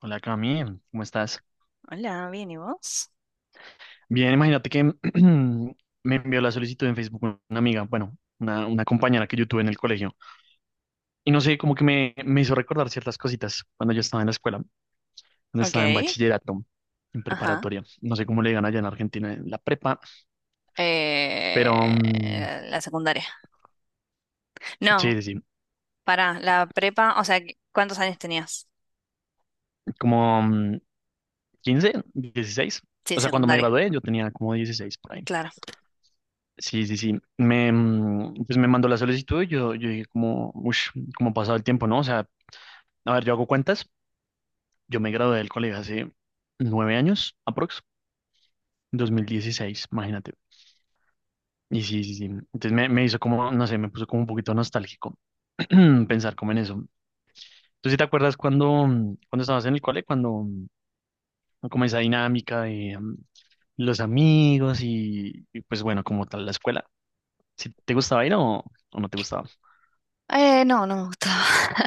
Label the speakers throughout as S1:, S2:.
S1: Hola Cami, ¿cómo estás?
S2: Hola, bien, ¿y vos?
S1: Bien, imagínate que me envió la solicitud en Facebook una amiga, bueno, una compañera que yo tuve en el colegio. Y no sé, como que me hizo recordar ciertas cositas cuando yo estaba en la escuela, cuando
S2: Ok,
S1: estaba en bachillerato, en
S2: ajá.
S1: preparatoria. No sé cómo le digan allá en Argentina, en la prepa, pero mm,
S2: La secundaria.
S1: sí,
S2: No,
S1: sí, sí,
S2: pará, la prepa, o sea, que- ¿cuántos años tenías?
S1: como 15, 16.
S2: Sí,
S1: O sea, cuando me
S2: secundaria.
S1: gradué yo tenía como 16 por ahí.
S2: Claro.
S1: Sí, sí, sí. Pues me mandó la solicitud y yo dije como, uff, cómo ha pasado el tiempo, ¿no? O sea, a ver, yo hago cuentas. Yo me gradué del colegio hace 9 años, aprox, 2016, imagínate. Y sí, sí, sí. Entonces me hizo como, no sé, me puso como un poquito nostálgico pensar como en eso. ¿Tú sí te acuerdas cuando, cuando estabas en el cole, cuando como esa dinámica de los amigos y, pues bueno, como tal la escuela? ¿Si te gustaba ir o no te gustaba?
S2: No, no me gustaba.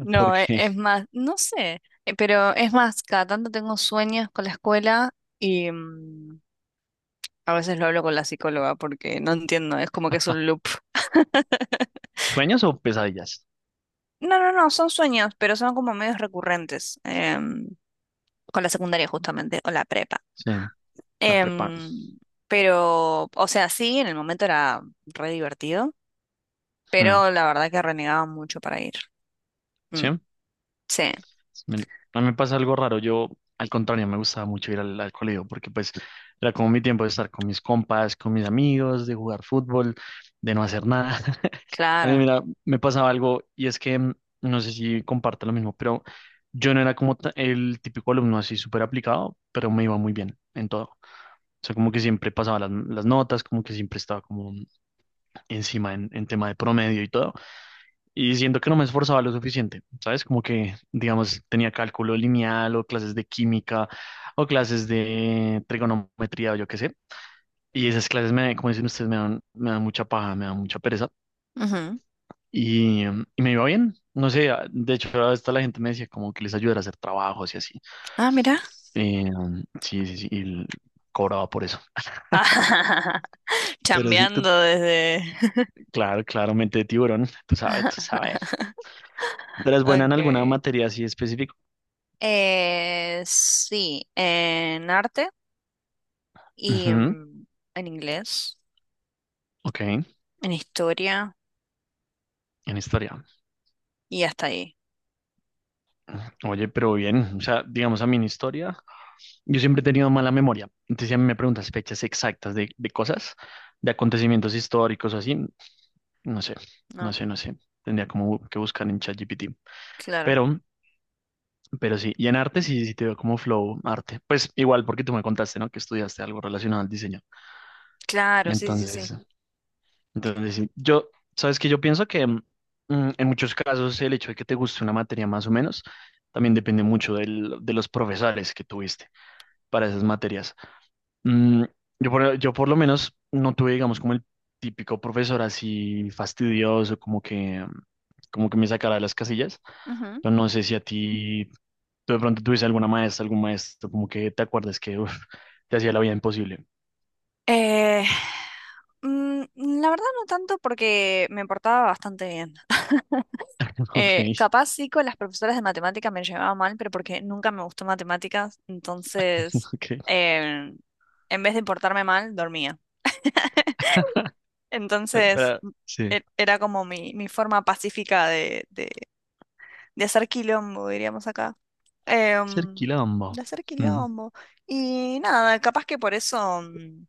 S2: No,
S1: Porque
S2: e- es, más, no sé, pero es más, cada tanto tengo sueños con la escuela y a veces lo hablo con la psicóloga porque no entiendo, es como que es un loop.
S1: sueños o pesadillas.
S2: No, no, no, son sueños, pero son como medios recurrentes. Con la secundaria justamente, o la prepa.
S1: Sí, la prepa.
S2: Em, pero, o sea, sí, en el momento era re divertido,
S1: Mm,
S2: pero la verdad que renegaba mucho para ir. Mm,
S1: ¿sí?
S2: sí,
S1: Me- a mí me pasa algo raro. Yo, al contrario, me gustaba mucho ir al colegio porque pues era como mi tiempo de estar con mis compas, con mis amigos, de jugar fútbol, de no hacer nada. A mí,
S2: claro.
S1: mira, me pasaba algo y es que no sé si comparte lo mismo, pero yo no era como el típico alumno así súper aplicado, pero me iba muy bien en todo. O sea, como que siempre pasaba las notas, como que siempre estaba como encima en tema de promedio y todo. Y siento que no me esforzaba lo suficiente, ¿sabes? Como que, digamos, tenía cálculo lineal o clases de química o clases de trigonometría o yo qué sé. Y esas clases, me, como dicen ustedes, me dan mucha paja, me dan mucha pereza.
S2: Ujú.
S1: Y me iba bien, no sé, de hecho, hasta la gente me decía como que les ayudara a hacer trabajos y así.
S2: Ah, mira.
S1: Eh, sí, sí, sí, y cobraba por eso. Pero sí,
S2: Chambeando desde...
S1: claro, claramente de tiburón, tú sabes, tú sabes. ¿Tú eres buena en alguna
S2: Okay.
S1: materia así específica?
S2: Sí, en arte y
S1: Ujú,
S2: en inglés,
S1: ok, en
S2: en historia
S1: historia.
S2: y hasta ahí,
S1: Oye, pero bien, o sea, digamos a mí en historia, yo siempre he tenido mala memoria. Entonces, si a mí me preguntas fechas exactas de cosas, de acontecimientos históricos o así, no sé, no
S2: ¿no?
S1: sé, no sé. Tendría como que buscar en ChatGPT.
S2: Claro.
S1: Pero, pero sí, y en arte sí, sí te veo como flow arte. Pues igual, porque tú me contaste, ¿no? Que estudiaste algo relacionado al diseño.
S2: Claro, sí, sí, sí.
S1: Entonces, Entonces, sí, sabes que yo pienso que en muchos casos el hecho de que te guste una materia más o menos también depende mucho de los profesores que tuviste para esas materias. Mm, yo por lo menos no tuve, digamos, como el típico profesor así fastidioso, como que me sacara de las casillas. Pero no sé si a ti, tú de pronto tuviste alguna maestra, algún maestro, como que te acuerdas que uf, te hacía la vida imposible.
S2: Eh, la verdad no tanto porque me portaba bastante bien.
S1: Ok,
S2: Capaz sí con las profesoras de matemáticas me llevaba mal, pero porque nunca me gustó matemáticas, entonces
S1: ok.
S2: eh, en vez de portarme mal, dormía. Entonces
S1: Pero,
S2: m-
S1: sí.
S2: Era como mi forma pacífica de hacer quilombo, diríamos acá.
S1: Ser
S2: Em,
S1: quilombo.
S2: de hacer
S1: Mm,
S2: quilombo. Y nada, capaz que por eso... mm,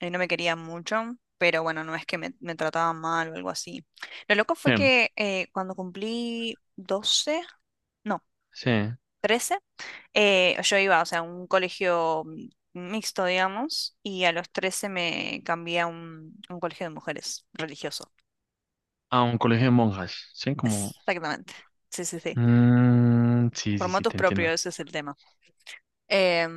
S2: eh, no me querían mucho, pero bueno, no es que me trataban mal o algo así. Lo loco
S1: sí,
S2: fue que cuando cumplí 12 no,
S1: sí.
S2: 13 yo iba, o sea, a un colegio mixto, digamos, y a los 13 me cambié a un colegio de mujeres religioso.
S1: A un colegio de monjas. Sí, como.
S2: Exactamente. Sí, sí, sí.
S1: Mm, sí,
S2: Por
S1: sí, sí,
S2: motus
S1: te
S2: propio,
S1: entiendo.
S2: ese es el tema. Em,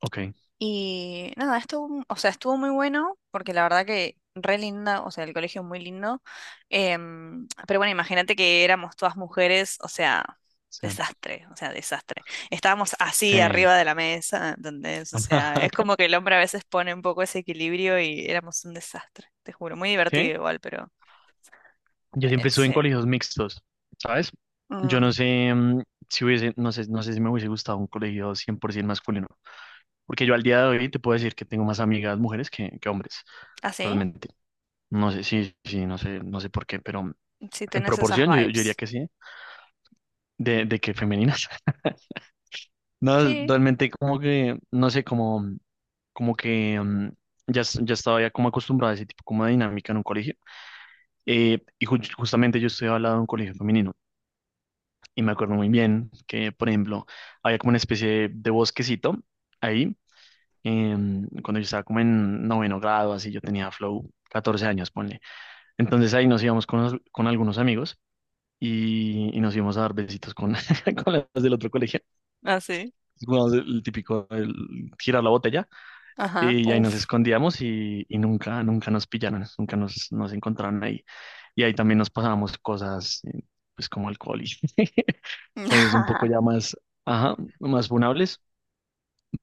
S1: Ok,
S2: y nada, estuvo, o sea, estuvo muy bueno, porque la verdad que re linda, o sea, el colegio es muy lindo. Em, pero bueno, imagínate que éramos todas mujeres, o sea,
S1: sí.
S2: desastre, o sea, desastre. Estábamos así
S1: Sí.
S2: arriba de la mesa, ¿entendés? O sea, es como que el hombre a veces pone un poco ese equilibrio y éramos un desastre, te juro. Muy
S1: Sí,
S2: divertido igual, pero
S1: yo siempre estuve en
S2: sí.
S1: colegios mixtos, ¿sabes? Yo no
S2: Mm,
S1: sé si hubiese, no sé, no sé si me hubiese gustado un colegio 100% masculino, porque yo al día de hoy te puedo decir que tengo más amigas mujeres que hombres,
S2: ¿así?
S1: realmente. No sé, sí, sí, no sé, no sé por qué, pero
S2: Sí, sí
S1: en
S2: tenés esas
S1: proporción yo diría
S2: vibes.
S1: que sí, de que femenina. No,
S2: Sí,
S1: realmente como que, no sé, como que ya, ya estaba ya como acostumbrado a ese tipo como de dinámica en un colegio. Y justamente yo estoy hablando de un colegio femenino y me acuerdo muy bien que, por ejemplo, había como una especie de bosquecito ahí. Cuando yo estaba como en noveno grado, así yo tenía flow 14 años, ponle. Entonces ahí nos íbamos con con algunos amigos y nos íbamos a dar besitos con, con las del otro colegio.
S2: así.
S1: Jugábamos el típico girar la botella.
S2: Ajá,
S1: Y ahí nos
S2: uf.
S1: escondíamos y nunca, nunca nos pillaron, nunca nos encontraron ahí. Y ahí también nos pasábamos cosas, pues como alcohol y cosas un poco ya más, ajá, más funables.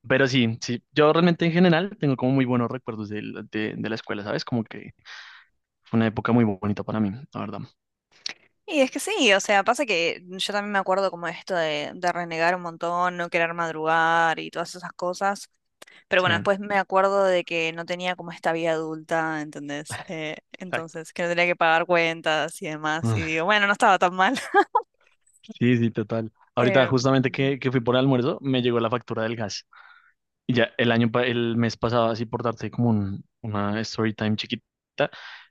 S1: Pero sí, sí, yo realmente en general tengo como muy buenos recuerdos de la escuela, ¿sabes? Como que fue una época muy bonita para mí, la verdad.
S2: Y es que sí, o sea, pasa que yo también me acuerdo como esto de renegar un montón, no querer madrugar y todas esas cosas, pero
S1: Sí,
S2: bueno, después me acuerdo de que no tenía como esta vida adulta, ¿entendés?
S1: exacto.
S2: Entonces, que no tenía que pagar cuentas y demás, y
S1: Ah,
S2: digo, bueno, no estaba tan mal.
S1: sí, sí, total. Ahorita
S2: Eh,
S1: justamente que fui por el almuerzo, me llegó la factura del gas. Y ya el mes pasado, así por darte como una story time chiquita,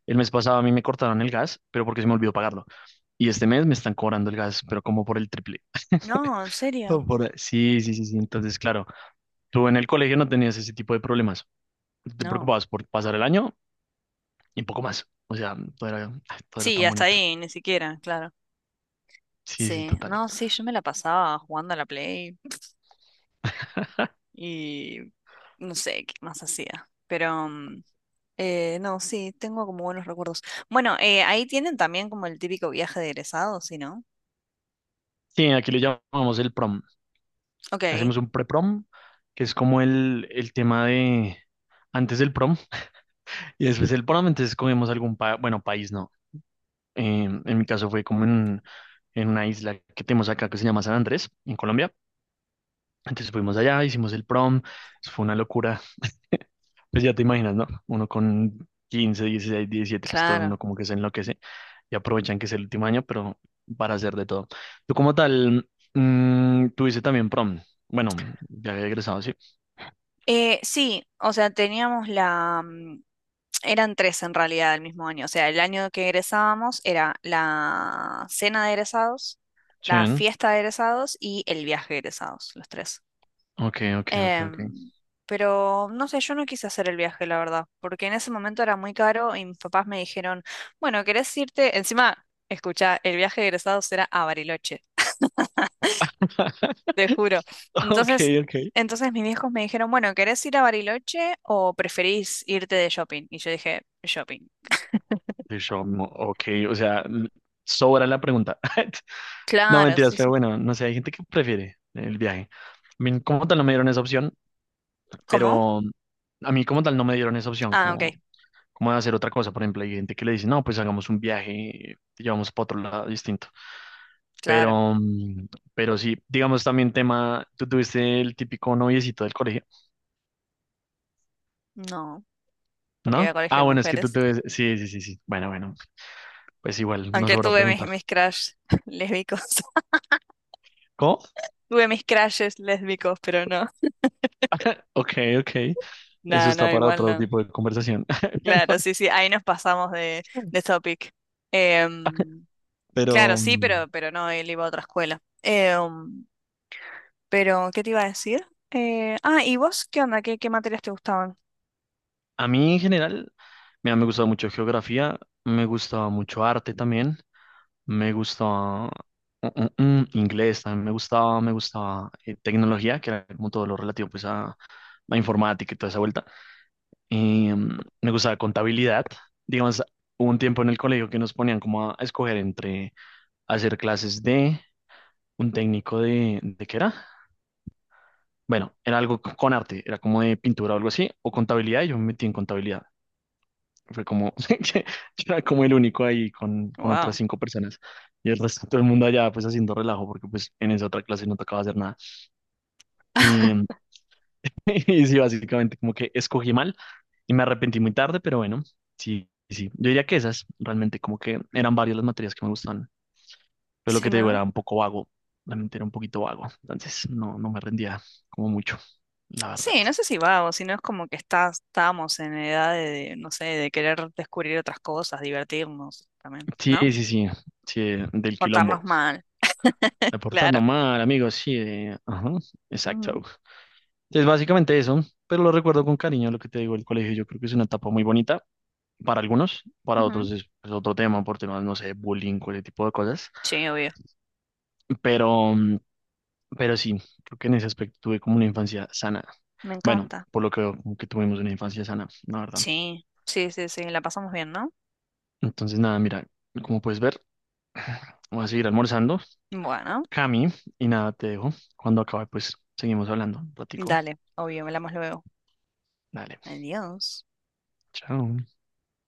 S1: el mes pasado a mí me cortaron el gas, pero porque se me olvidó pagarlo. Y este mes me están cobrando el gas, pero como por el triple.
S2: no, en
S1: Oh,
S2: serio,
S1: sí, sí, sí, sí. Entonces, claro, tú en el colegio no tenías ese tipo de problemas. Te
S2: no.
S1: preocupabas por pasar el año y poco más. O sea, ay, todo era
S2: Sí,
S1: tan
S2: hasta
S1: bonito.
S2: ahí, ni siquiera, claro.
S1: Sí, sí,
S2: Sí,
S1: total.
S2: no, sí, yo me la pasaba jugando a la Play y no sé qué más hacía, pero... eh, no, sí, tengo como buenos recuerdos. Bueno, ahí tienen también como el típico viaje de egresados, ¿sí, no?
S1: Sí, aquí le llamamos el prom.
S2: Ok,
S1: Hacemos un pre-prom, que es como el tema de antes del prom. Y después él probablemente escogemos algún país, bueno, país no. En mi caso fue como en una isla que tenemos acá que se llama San Andrés, en Colombia. Entonces fuimos allá, hicimos el prom, eso fue una locura. Pues ya te imaginas, ¿no? Uno con 15, 16, 17 pues todo el
S2: claro.
S1: mundo como que se enloquece y aprovechan que es el último año, pero para hacer de todo. Tú como tal, tuviste también prom. Bueno, ya había egresado, sí.
S2: Sí, o sea, teníamos la... mm, eran tres en realidad el mismo año. O sea, el año que egresábamos era la cena de egresados, la
S1: Chen.
S2: fiesta de egresados y el viaje de egresados, los tres.
S1: Ok, ok, ok, ok.
S2: Em, pero no sé, yo no quise hacer el viaje, la verdad, porque en ese momento era muy caro y mis papás me dijeron, bueno, ¿querés irte? Encima, escucha, el viaje de egresados era a Bariloche, te juro.
S1: Ok,
S2: Entonces,
S1: ok.
S2: entonces mis viejos me dijeron, bueno, ¿querés ir a Bariloche o preferís irte de shopping? Y yo dije, shopping.
S1: Bishomo, ok, o sea, sobra la pregunta. No
S2: Claro,
S1: mentiras,
S2: sí,
S1: pero
S2: sí.
S1: bueno, no sé, hay gente que prefiere el viaje. A mí como tal no me dieron esa opción,
S2: ¿Cómo?
S1: pero a mí como tal no me dieron esa opción,
S2: Ah, ok,
S1: como de hacer otra cosa. Por ejemplo, hay gente que le dice, no, pues hagamos un viaje, te llevamos para otro lado distinto.
S2: claro.
S1: Pero, mm, pero sí, digamos también tema, tú tuviste el típico noviecito del colegio,
S2: No, porque iba a
S1: ¿no?
S2: colegio
S1: Ah,
S2: de
S1: bueno, es que tú
S2: mujeres.
S1: tuviste, sí, sí, sí, sí. Bueno, bueno, pues igual, no
S2: Aunque
S1: sobra
S2: tuve
S1: preguntar.
S2: mis crush lésbicos.
S1: ¿Cómo?
S2: Tuve mis crushes lésbicos, pero no.
S1: Ok, ok. Eso
S2: No,
S1: está
S2: no,
S1: para
S2: igual
S1: otro
S2: no.
S1: tipo de conversación.
S2: Claro, sí, sí, ahí nos pasamos de topic. Em, claro,
S1: Pero
S2: sí, pero no, él iba a otra escuela. Em, pero, ¿qué te iba a decir? Ah, ¿y vos qué onda? ¿Qué, qué materias te gustaban?
S1: a mí en general, mira, me gustaba mucho geografía, me gustaba mucho arte también, me gustaba mm, inglés también, me gustaba tecnología, que era como todo lo relativo pues a la informática y toda esa vuelta. Y, me gustaba contabilidad. Digamos, hubo un tiempo en el colegio que nos ponían como a escoger entre hacer clases de un técnico ¿de qué era? Bueno, era algo con arte, era como de pintura o algo así, o contabilidad, y yo me metí en contabilidad. Fue como, yo era como el único ahí con otras
S2: Wow.
S1: cinco personas, y el resto todo el mundo allá pues haciendo relajo, porque pues en esa otra clase no tocaba hacer nada. Y, y sí, básicamente como que escogí mal y me arrepentí muy tarde, pero bueno, sí, sí. Yo diría que esas realmente como que eran varias las materias que me gustaban, pero lo
S2: Sí,
S1: que te digo
S2: ¿no?
S1: era un poco vago, realmente era un poquito vago, entonces no, no me rendía como mucho, la verdad.
S2: Sí, no sé si vago, sino es como que estás, estábamos en edad no sé, de querer descubrir otras cosas, divertirnos también,
S1: Sí,
S2: ¿no?
S1: sí, sí, sí, del
S2: Portarnos
S1: quilombo.
S2: mal, claro.
S1: Reportando mal, amigos, sí, ajá,
S2: Ujú,
S1: exacto. Es básicamente eso, pero lo recuerdo con cariño lo que te digo, el colegio yo creo que es una etapa muy bonita para algunos, para
S2: ujú.
S1: otros es otro tema por temas, no sé, bullying, o ese tipo de cosas,
S2: Sí, obvio.
S1: pero, mm, pero sí, creo que en ese aspecto tuve como una infancia sana.
S2: Me
S1: Bueno,
S2: encanta.
S1: por lo que veo, como que tuvimos una infancia sana, la verdad.
S2: Sí, sí, sí, sí, la pasamos bien, ¿no?
S1: Entonces, nada, mira, como puedes ver, voy a seguir almorzando,
S2: Bueno.
S1: Cami, y nada, te dejo. Cuando acabe, pues seguimos hablando un ratico.
S2: Dale, obvio, hablamos luego.
S1: Dale,
S2: Adiós.
S1: chao.